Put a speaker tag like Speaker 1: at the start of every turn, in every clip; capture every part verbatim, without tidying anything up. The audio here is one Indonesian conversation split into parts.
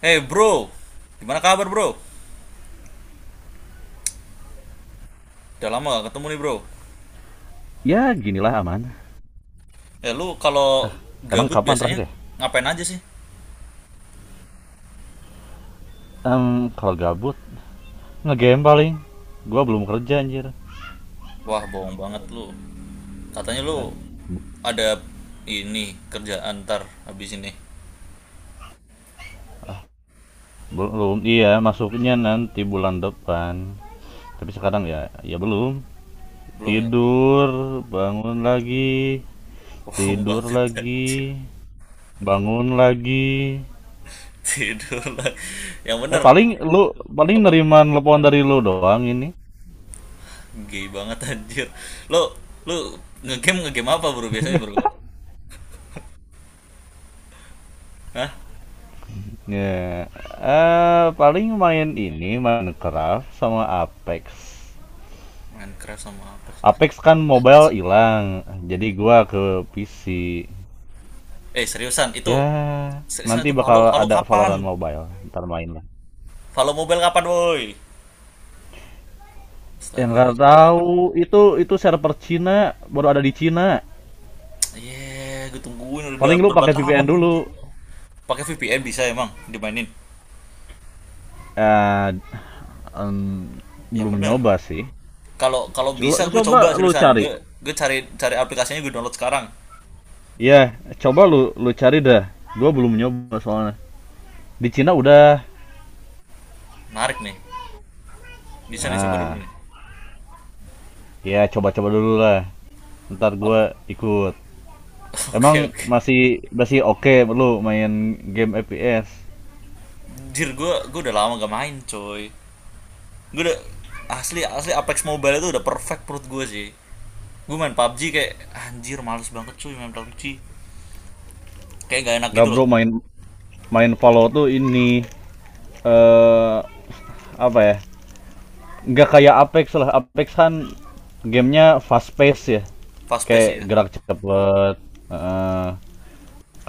Speaker 1: Hey bro, gimana kabar bro? Udah lama gak ketemu nih bro.
Speaker 2: Ya ginilah aman.
Speaker 1: Eh, lu kalau
Speaker 2: Emang
Speaker 1: gabut
Speaker 2: kapan
Speaker 1: biasanya
Speaker 2: terakhir ya?
Speaker 1: ngapain aja sih?
Speaker 2: Em, kalau gabut ngegame paling. Gua belum kerja anjir.
Speaker 1: Wah, bohong banget lu. Katanya lu ada ini kerjaan ntar habis ini.
Speaker 2: Belum. Iya, masuknya nanti bulan depan. Tapi sekarang ya ya belum.
Speaker 1: Belum ya?
Speaker 2: Tidur, bangun lagi.
Speaker 1: Bohong
Speaker 2: Tidur
Speaker 1: banget
Speaker 2: lagi,
Speaker 1: anjir.
Speaker 2: bangun lagi.
Speaker 1: Tidur lah. Yang
Speaker 2: Ya
Speaker 1: bener
Speaker 2: paling lu paling
Speaker 1: apa?
Speaker 2: nerima telepon dari lu doang ini.
Speaker 1: Gay banget anjir. Lu lu ngegame ngegame apa bro biasanya bro? Hah?
Speaker 2: Ya, eh paling main ini Minecraft sama Apex.
Speaker 1: Minecraft sama apa?
Speaker 2: Apex kan mobile hilang, jadi gua ke P C.
Speaker 1: Eh, seriusan itu
Speaker 2: Ya,
Speaker 1: seriusan
Speaker 2: nanti
Speaker 1: itu Valo
Speaker 2: bakal
Speaker 1: Valo
Speaker 2: ada
Speaker 1: kapan?
Speaker 2: Valorant mobile, ntar main lah.
Speaker 1: Valo Mobile kapan woi?
Speaker 2: Yang
Speaker 1: Astaga.
Speaker 2: nggak tahu itu itu server Cina, baru ada di Cina.
Speaker 1: Iya, gue tungguin udah
Speaker 2: Paling lu
Speaker 1: berapa
Speaker 2: pakai V P N
Speaker 1: tahun
Speaker 2: dulu.
Speaker 1: anjir. Pakai V P N bisa emang dimainin.
Speaker 2: Eh, em,
Speaker 1: Yang
Speaker 2: Belum
Speaker 1: bener.
Speaker 2: nyoba sih.
Speaker 1: Kalau kalau
Speaker 2: Co-
Speaker 1: bisa gue coba
Speaker 2: Coba lu
Speaker 1: seriusan. Gue
Speaker 2: cari.
Speaker 1: gue cari cari aplikasinya, gue download sekarang.
Speaker 2: Iya, coba lu lu cari dah. Gua belum nyoba soalnya. Di Cina udah.
Speaker 1: Menarik nih. Bisa nih coba
Speaker 2: Nah,
Speaker 1: dulu nih.
Speaker 2: ya coba-coba dulu lah. Ntar
Speaker 1: Ap-
Speaker 2: gua ikut.
Speaker 1: Oke,
Speaker 2: Emang
Speaker 1: oke.
Speaker 2: masih masih oke okay, lu main game F P S?
Speaker 1: Anjir, gue gue udah lama gak main coy. Gue udah, asli asli Apex Mobile itu udah perfect menurut gue sih. Gue main PUBG kayak anjir males banget cuy main PUBG. Kayak gak enak
Speaker 2: Nggak
Speaker 1: gitu loh.
Speaker 2: bro main main Valor tuh ini eh apa ya? Nggak kayak Apex lah. Apex kan gamenya fast pace ya.
Speaker 1: Fast
Speaker 2: Kayak
Speaker 1: pace ya.
Speaker 2: gerak cepet. Eh,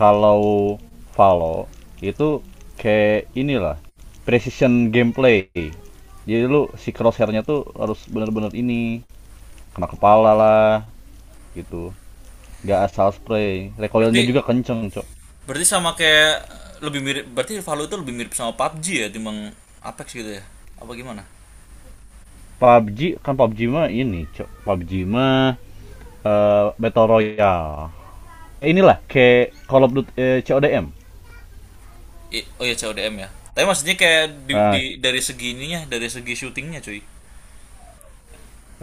Speaker 2: Kalau Valor itu kayak inilah precision gameplay. Jadi lu si crosshairnya tuh harus bener-bener ini kena kepala lah gitu. Nggak asal spray, recoilnya
Speaker 1: Berarti
Speaker 2: juga kenceng cok.
Speaker 1: Berarti sama kayak, lebih mirip, berarti Valorant itu lebih mirip sama PUBG ya, timbang Apex gitu ya. Apa gimana?
Speaker 2: P U B G kan, P U B G mah ini cok. P U B G mah, eh, battle royale. Eh, inilah kayak Call of Duty, eh, C O D m.
Speaker 1: I- oh ya, C O D M ya. Tapi maksudnya kayak, di,
Speaker 2: Nah,
Speaker 1: di- dari segi ininya, dari segi syutingnya cuy.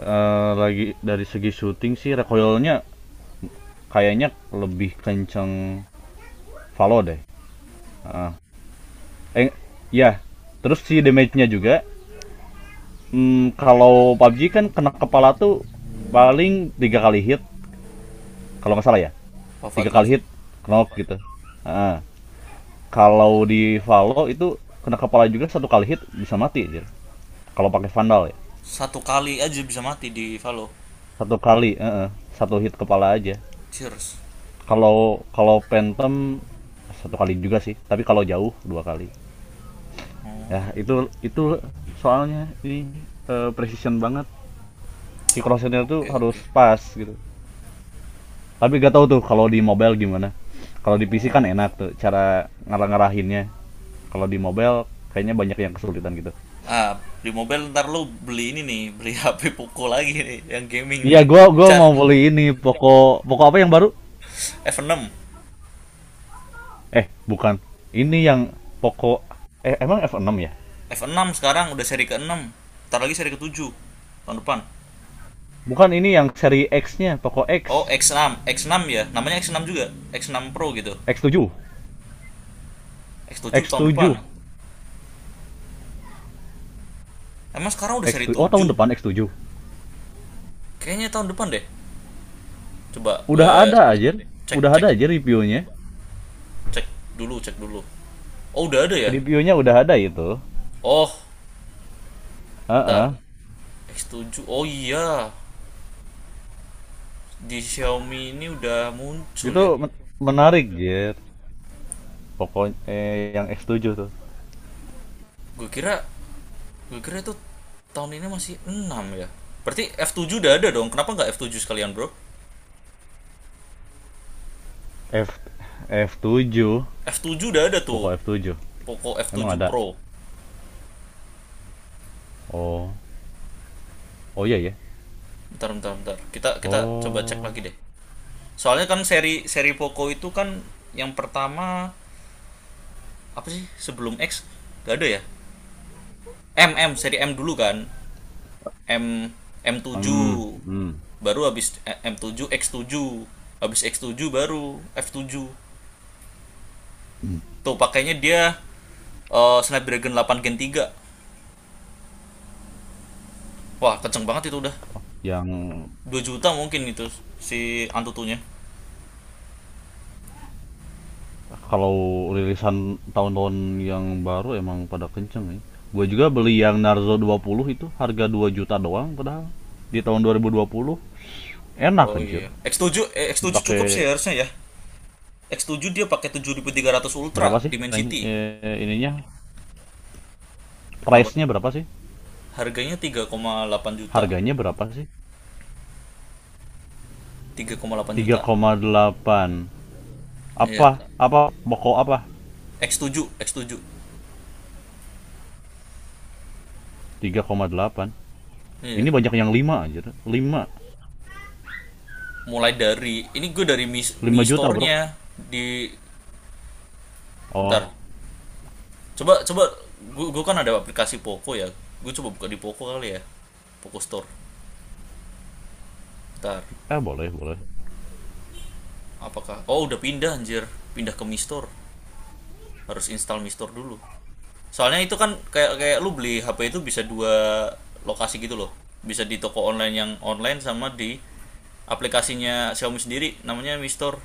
Speaker 2: eh, lagi dari segi shooting sih recoilnya kayaknya lebih kenceng Valo deh, eh ya, terus si damage-nya juga. Hmm, kalau pabji kan kena kepala tuh paling tiga kali hit kalau nggak salah ya. Tiga
Speaker 1: Wafat langsung.
Speaker 2: kali hit knock gitu. Ah. Kalau di Valo itu kena kepala juga satu kali hit bisa mati anjir. Kalau pakai Vandal ya.
Speaker 1: Satu kali aja bisa mati di Valo.
Speaker 2: Satu kali, eh, eh, satu hit kepala aja.
Speaker 1: Cheers.
Speaker 2: Kalau kalau Phantom satu kali juga sih, tapi kalau jauh dua kali. Ya, itu itu soalnya ini eh, precision banget. Si crosshair tuh
Speaker 1: Oke,
Speaker 2: harus
Speaker 1: oke.
Speaker 2: pas gitu. Tapi gak tahu tuh kalau di mobile gimana. Kalau di P C kan
Speaker 1: Oh.
Speaker 2: enak tuh cara ngarah-ngarahinnya. Kalau di mobile kayaknya banyak yang kesulitan gitu.
Speaker 1: Ah, di mobile ntar lu beli ini nih, beli H P Poco lagi nih, yang gaming
Speaker 2: Iya,
Speaker 1: nih.
Speaker 2: gua gua
Speaker 1: Cat,
Speaker 2: mau beli ini Poco Poco apa yang baru?
Speaker 1: f enam.
Speaker 2: Eh, bukan. Ini yang Poco eh emang f enam ya?
Speaker 1: F enam sekarang udah seri ke enam, ntar lagi seri ketujuh tahun depan.
Speaker 2: Bukan ini yang seri X-nya, Poco X.
Speaker 1: Oh, x enam. X enam ya. Namanya x enam juga. X enam Pro gitu.
Speaker 2: x tujuh
Speaker 1: X tujuh
Speaker 2: x
Speaker 1: tahun
Speaker 2: tujuh
Speaker 1: depan. Emang sekarang udah
Speaker 2: X
Speaker 1: seri
Speaker 2: tujuh. Oh,
Speaker 1: tujuh.
Speaker 2: tahun depan x tujuh.
Speaker 1: Kayaknya tahun depan deh. Coba gue
Speaker 2: Udah ada aja.
Speaker 1: cek
Speaker 2: Udah
Speaker 1: cek
Speaker 2: ada aja reviewnya.
Speaker 1: cek dulu, cek dulu. Oh, udah ada ya?
Speaker 2: Reviewnya udah ada itu.
Speaker 1: Oh,
Speaker 2: Heeh.
Speaker 1: bentar.
Speaker 2: Uh-uh.
Speaker 1: X tujuh. Oh iya. Di Xiaomi ini udah muncul
Speaker 2: Itu
Speaker 1: ya.
Speaker 2: menarik, Jir. Poco, eh, yang x tujuh tuh.
Speaker 1: Gue kira gue kira itu tahun ini masih enam ya. Berarti f tujuh udah ada dong. Kenapa nggak f tujuh sekalian, Bro?
Speaker 2: F F tujuh,
Speaker 1: F tujuh udah ada tuh.
Speaker 2: Poco f tujuh.
Speaker 1: Poco f
Speaker 2: Emang
Speaker 1: tujuh
Speaker 2: ada.
Speaker 1: Pro.
Speaker 2: Oh. Oh iya ya.
Speaker 1: Bentar, bentar, bentar. Kita kita coba cek
Speaker 2: Oh.
Speaker 1: lagi deh. Soalnya kan seri seri Poco itu kan, yang pertama apa sih sebelum X, gak ada ya? M M seri M dulu kan. M,
Speaker 2: Mmm,
Speaker 1: M7
Speaker 2: mhm.
Speaker 1: baru, habis eh, M tujuh X tujuh, habis X tujuh baru F tujuh tuh pakainya dia, eh, Snapdragon delapan Gen tiga. Wah kenceng banget itu, udah
Speaker 2: Yang
Speaker 1: dua juta mungkin itu si Antutunya.
Speaker 2: kalau rilisan tahun-tahun yang baru emang pada kenceng ya. Gua juga beli yang Narzo dua puluh itu harga dua juta doang padahal, di tahun dua dua ribu dua puluh. Enak
Speaker 1: Oh
Speaker 2: anjir,
Speaker 1: iya, X tujuh, eh, X tujuh cukup
Speaker 2: dipakai
Speaker 1: sih harusnya ya. X tujuh dia pakai tujuh ribu tiga ratus
Speaker 2: berapa
Speaker 1: Ultra
Speaker 2: sih range,
Speaker 1: Dimensity.
Speaker 2: eee, ininya,
Speaker 1: Kenapa?
Speaker 2: price-nya berapa sih?
Speaker 1: Harganya tiga koma delapan juta.
Speaker 2: Harganya berapa sih?
Speaker 1: Tiga koma delapan
Speaker 2: Tiga
Speaker 1: juta.
Speaker 2: koma delapan
Speaker 1: Iya.
Speaker 2: apa apa pokok apa?
Speaker 1: X tujuh, X tujuh.
Speaker 2: Tiga koma delapan.
Speaker 1: Iya.
Speaker 2: Ini banyak yang lima anjir. Lima
Speaker 1: Mulai dari ini gue dari Mi,
Speaker 2: lima
Speaker 1: Mi
Speaker 2: juta Bro.
Speaker 1: Store-nya di,
Speaker 2: Oh,
Speaker 1: ntar. Coba coba gue, gue kan ada aplikasi Poco ya. Gue coba buka di Poco kali ya. Poco Store. Ntar.
Speaker 2: eh boleh boleh.
Speaker 1: Apakah Oh, udah pindah anjir. Pindah ke Mi Store. Harus install Mi Store dulu. Soalnya itu kan kayak kayak lu beli H P itu bisa dua lokasi gitu loh. Bisa di toko online yang online, sama di aplikasinya Xiaomi sendiri, namanya Mistor.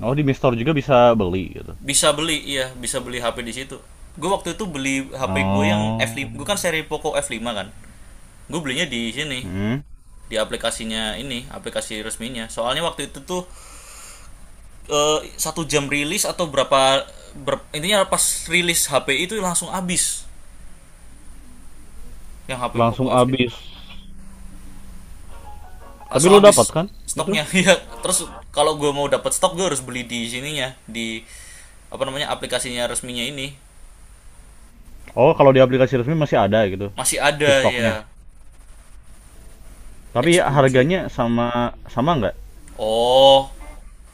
Speaker 2: Oh, di Mistor juga bisa beli gitu.
Speaker 1: Bisa beli, iya bisa beli H P di situ. Gue waktu itu beli H P gue yang f lima,
Speaker 2: Oh.
Speaker 1: gue kan seri Poco f lima kan, gue belinya di sini,
Speaker 2: Hmm.
Speaker 1: di aplikasinya ini, aplikasi resminya. Soalnya waktu itu tuh, eh, satu jam rilis atau berapa, ber- intinya pas rilis H P itu langsung habis, yang H P Poco
Speaker 2: Langsung
Speaker 1: f lima
Speaker 2: habis. Tapi
Speaker 1: langsung
Speaker 2: lo dapat
Speaker 1: habis
Speaker 2: kan itu?
Speaker 1: stoknya ya. Terus kalau gue mau dapat stok, gue harus beli di sininya, di apa namanya, aplikasinya resminya ini,
Speaker 2: Oh, kalau di aplikasi resmi masih ada gitu
Speaker 1: masih
Speaker 2: si
Speaker 1: ada ya.
Speaker 2: stoknya. Tapi
Speaker 1: X
Speaker 2: ya,
Speaker 1: tujuh.
Speaker 2: harganya sama sama nggak.
Speaker 1: Oh,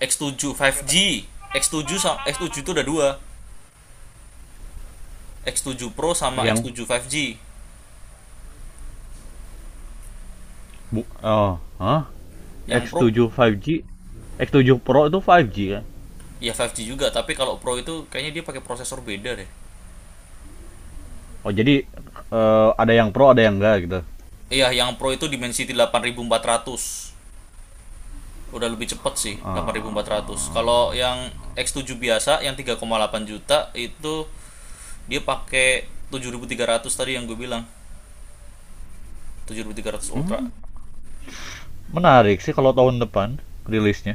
Speaker 1: x tujuh lima G. X tujuh sama x tujuh itu ada dua. X tujuh Pro sama x
Speaker 2: Yang
Speaker 1: tujuh lima G.
Speaker 2: bu oh, hah?
Speaker 1: Yang
Speaker 2: x
Speaker 1: Pro
Speaker 2: tujuh lima G, x tujuh Pro itu lima G kan?
Speaker 1: ya lima G juga, tapi kalau Pro itu kayaknya dia pakai prosesor beda deh.
Speaker 2: Oh jadi, eh, ada yang Pro ada yang enggak gitu.
Speaker 1: Iya, yang Pro itu Dimensity delapan ribu empat ratus. Udah lebih cepet sih, delapan ribu empat ratus. Kalau
Speaker 2: Ah.
Speaker 1: yang x tujuh biasa yang tiga koma delapan juta itu dia pakai tujuh ribu tiga ratus tadi yang gue bilang. Tujuh ribu tiga ratus Ultra.
Speaker 2: Hmm, Menarik sih kalau tahun depan rilisnya.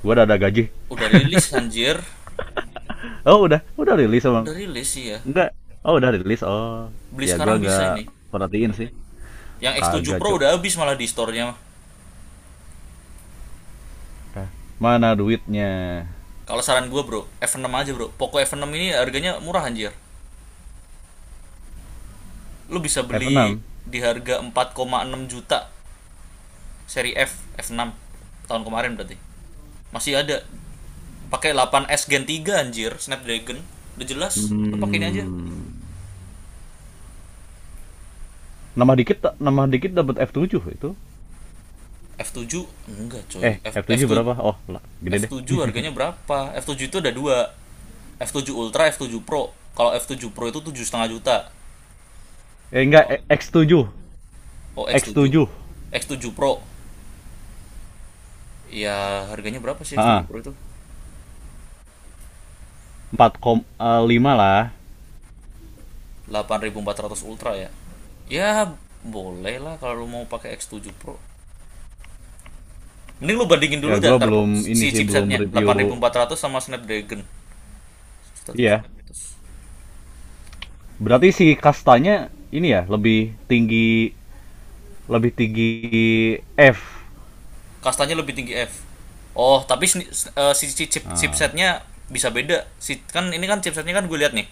Speaker 2: Gua udah ada gaji.
Speaker 1: Udah rilis anjir.
Speaker 2: Oh, udah udah rilis
Speaker 1: Udah
Speaker 2: emang.
Speaker 1: rilis sih ya.
Speaker 2: Enggak. Oh, udah rilis. Oh.
Speaker 1: Beli
Speaker 2: Ya gua
Speaker 1: sekarang bisa
Speaker 2: nggak
Speaker 1: ini.
Speaker 2: perhatiin sih.
Speaker 1: Yang X tujuh
Speaker 2: Kagak,
Speaker 1: Pro
Speaker 2: Cuk.
Speaker 1: udah habis malah di store-nya.
Speaker 2: Hah? Mana duitnya?
Speaker 1: Kalau saran gue bro, F enam aja bro. Poco F enam ini harganya murah anjir. Lu bisa
Speaker 2: f
Speaker 1: beli
Speaker 2: enam
Speaker 1: di harga empat koma enam juta seri F, F6. Tahun kemarin berarti. Masih ada. Pakai delapan S Gen tiga anjir, Snapdragon. Udah jelas, lu pakai ini aja.
Speaker 2: Hmm. Nambah dikit, tak- nambah dikit dapat f tujuh itu.
Speaker 1: F tujuh enggak
Speaker 2: Eh,
Speaker 1: coy. F,
Speaker 2: f tujuh
Speaker 1: F7
Speaker 2: berapa? Oh, lah, gede deh.
Speaker 1: F7 harganya berapa? F tujuh itu ada dua. F tujuh Ultra, F tujuh Pro. Kalau F tujuh Pro itu tujuh koma lima juta.
Speaker 2: Eh enggak, eh, x tujuh.
Speaker 1: Oh, X tujuh.
Speaker 2: X tujuh.
Speaker 1: X tujuh Pro. Ya, harganya berapa sih X tujuh
Speaker 2: Heeh.
Speaker 1: Pro itu?
Speaker 2: Empat koma lima lah.
Speaker 1: Delapan ribu empat ratus Ultra ya. Ya, boleh lah kalau lu mau pakai X tujuh Pro. Mending lu bandingin
Speaker 2: Ya
Speaker 1: dulu, dan
Speaker 2: gua
Speaker 1: ntar pro-
Speaker 2: belum ini
Speaker 1: si
Speaker 2: sih belum
Speaker 1: chipsetnya delapan ribu
Speaker 2: review.
Speaker 1: empat ratus sama Snapdragon
Speaker 2: Iya.
Speaker 1: seribu seratus.
Speaker 2: Berarti si kastanya ini ya lebih tinggi, lebih tinggi F.
Speaker 1: Kastanya lebih tinggi F. Oh, tapi sni- s- eh, si chip- chip- chipsetnya bisa beda. Si kan ini kan chipsetnya kan gue lihat nih.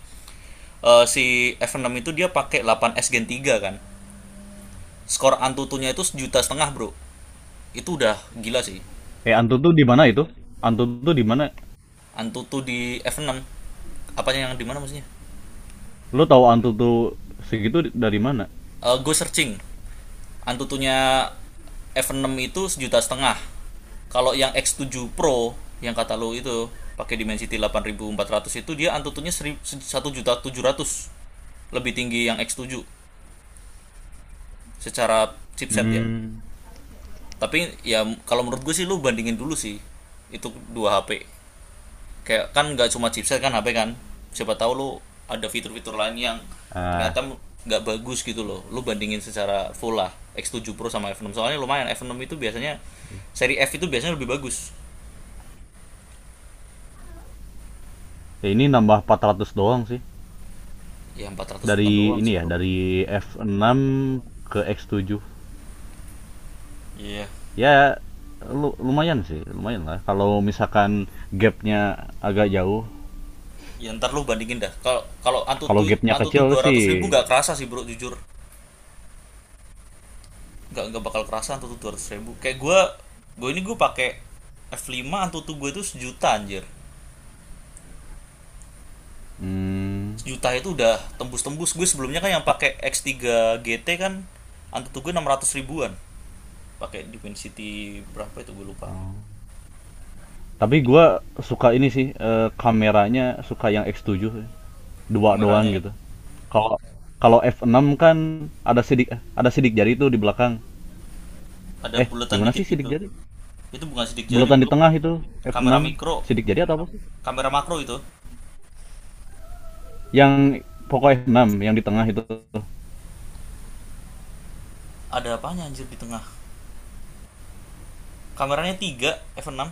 Speaker 1: Eh, si F enam itu dia pakai delapan S Gen tiga kan. Skor Antutunya itu sejuta setengah, Bro. Itu udah gila sih.
Speaker 2: Eh, Antutu di mana itu? Antutu di mana?
Speaker 1: Antutu di F enam apanya yang di mana maksudnya.
Speaker 2: Lo tahu Antutu segitu dari mana?
Speaker 1: Eh, go searching. Antutunya F enam itu sejuta setengah. Kalau yang X tujuh Pro yang kata lo itu pakai Dimensity delapan ribu empat ratus, itu dia Antutunya satu seri- se- seribu tujuh ratus, lebih tinggi yang X tujuh secara chipset ya.
Speaker 2: Hmm.
Speaker 1: Tapi ya kalau menurut gue sih, lu bandingin dulu sih itu dua H P. Kayak kan nggak cuma chipset kan H P kan, siapa tahu lo ada fitur-fitur lain yang
Speaker 2: Ah,
Speaker 1: ternyata nggak bagus gitu loh. Lo bandingin secara full lah X tujuh Pro sama F enam, soalnya lumayan F enam itu biasanya, seri F itu biasanya lebih bagus.
Speaker 2: ya ini nambah empat ratus doang sih.
Speaker 1: Ya empat ratus bukan
Speaker 2: Dari
Speaker 1: doang sih
Speaker 2: ini ya,
Speaker 1: bro.
Speaker 2: dari F enam ke X tujuh.
Speaker 1: Iya.
Speaker 2: Ya lu, lumayan sih, lumayan lah. Kalau misalkan gapnya agak jauh,
Speaker 1: Yeah. Ya ntar lo bandingin dah, kalau kalau
Speaker 2: kalau
Speaker 1: antutu
Speaker 2: gapnya
Speaker 1: antutu
Speaker 2: kecil sih.
Speaker 1: dua ratus ribu nggak kerasa sih bro jujur, nggak nggak bakal kerasa antutu dua ratus ribu kayak gue. Gue ini gue pakai F lima, antutu gue itu sejuta anjir.
Speaker 2: hmm,
Speaker 1: Sejuta itu udah tembus-tembus. Gue sebelumnya kan yang
Speaker 2: ta-
Speaker 1: pakai X tiga G T kan, antutu tuh gue enam ratus ribuan, pakai Dimensity berapa itu gue lupa.
Speaker 2: Tapi gue suka ini sih, eee, kameranya suka yang X tujuh dua 2 doang
Speaker 1: Kameranya ya,
Speaker 2: gitu. Kalau kalau F enam kan ada sidik ada sidik jari itu di belakang.
Speaker 1: ada
Speaker 2: Eh,
Speaker 1: buletan
Speaker 2: gimana
Speaker 1: dikit
Speaker 2: sih sidik
Speaker 1: gitu.
Speaker 2: jari?
Speaker 1: Itu bukan sidik jari
Speaker 2: Bulatan di
Speaker 1: bro,
Speaker 2: tengah itu,
Speaker 1: kamera
Speaker 2: F enam.
Speaker 1: mikro,
Speaker 2: Sidik jari atau apa sih?
Speaker 1: kamera makro itu.
Speaker 2: Yang Poco F enam yang di tengah itu.
Speaker 1: Ada apanya anjir di tengah, kameranya tiga f enam.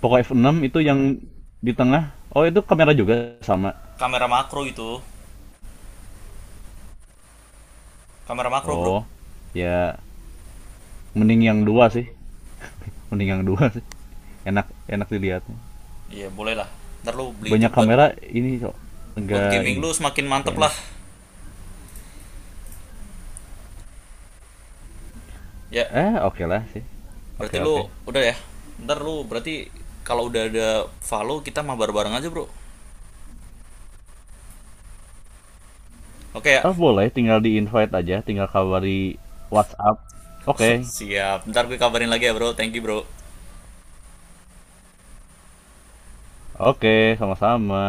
Speaker 2: Poco F enam itu yang di tengah. Oh, itu kamera juga sama.
Speaker 1: Kamera makro itu, kamera makro bro.
Speaker 2: Oh, ya mending yang dua sih. Mending yang dua sih. Enak enak dilihatnya.
Speaker 1: Iya boleh lah, ntar lo beli itu
Speaker 2: Banyak
Speaker 1: buat
Speaker 2: kamera ini kok
Speaker 1: buat
Speaker 2: enggak
Speaker 1: gaming
Speaker 2: ini
Speaker 1: lo semakin mantep
Speaker 2: kayak
Speaker 1: lah
Speaker 2: enak,
Speaker 1: ya.
Speaker 2: eh oke okay lah sih. Oke
Speaker 1: Berarti
Speaker 2: okay,
Speaker 1: lu
Speaker 2: oke.
Speaker 1: udah ya. Ntar lu berarti kalau udah ada follow kita mabar bareng aja, Bro. Oke ya.
Speaker 2: Ah boleh, tinggal di invite aja, tinggal kabari WhatsApp. Oke okay.
Speaker 1: Siap. Ntar gue kabarin lagi ya, Bro. Thank you, Bro.
Speaker 2: Oke okay, sama-sama.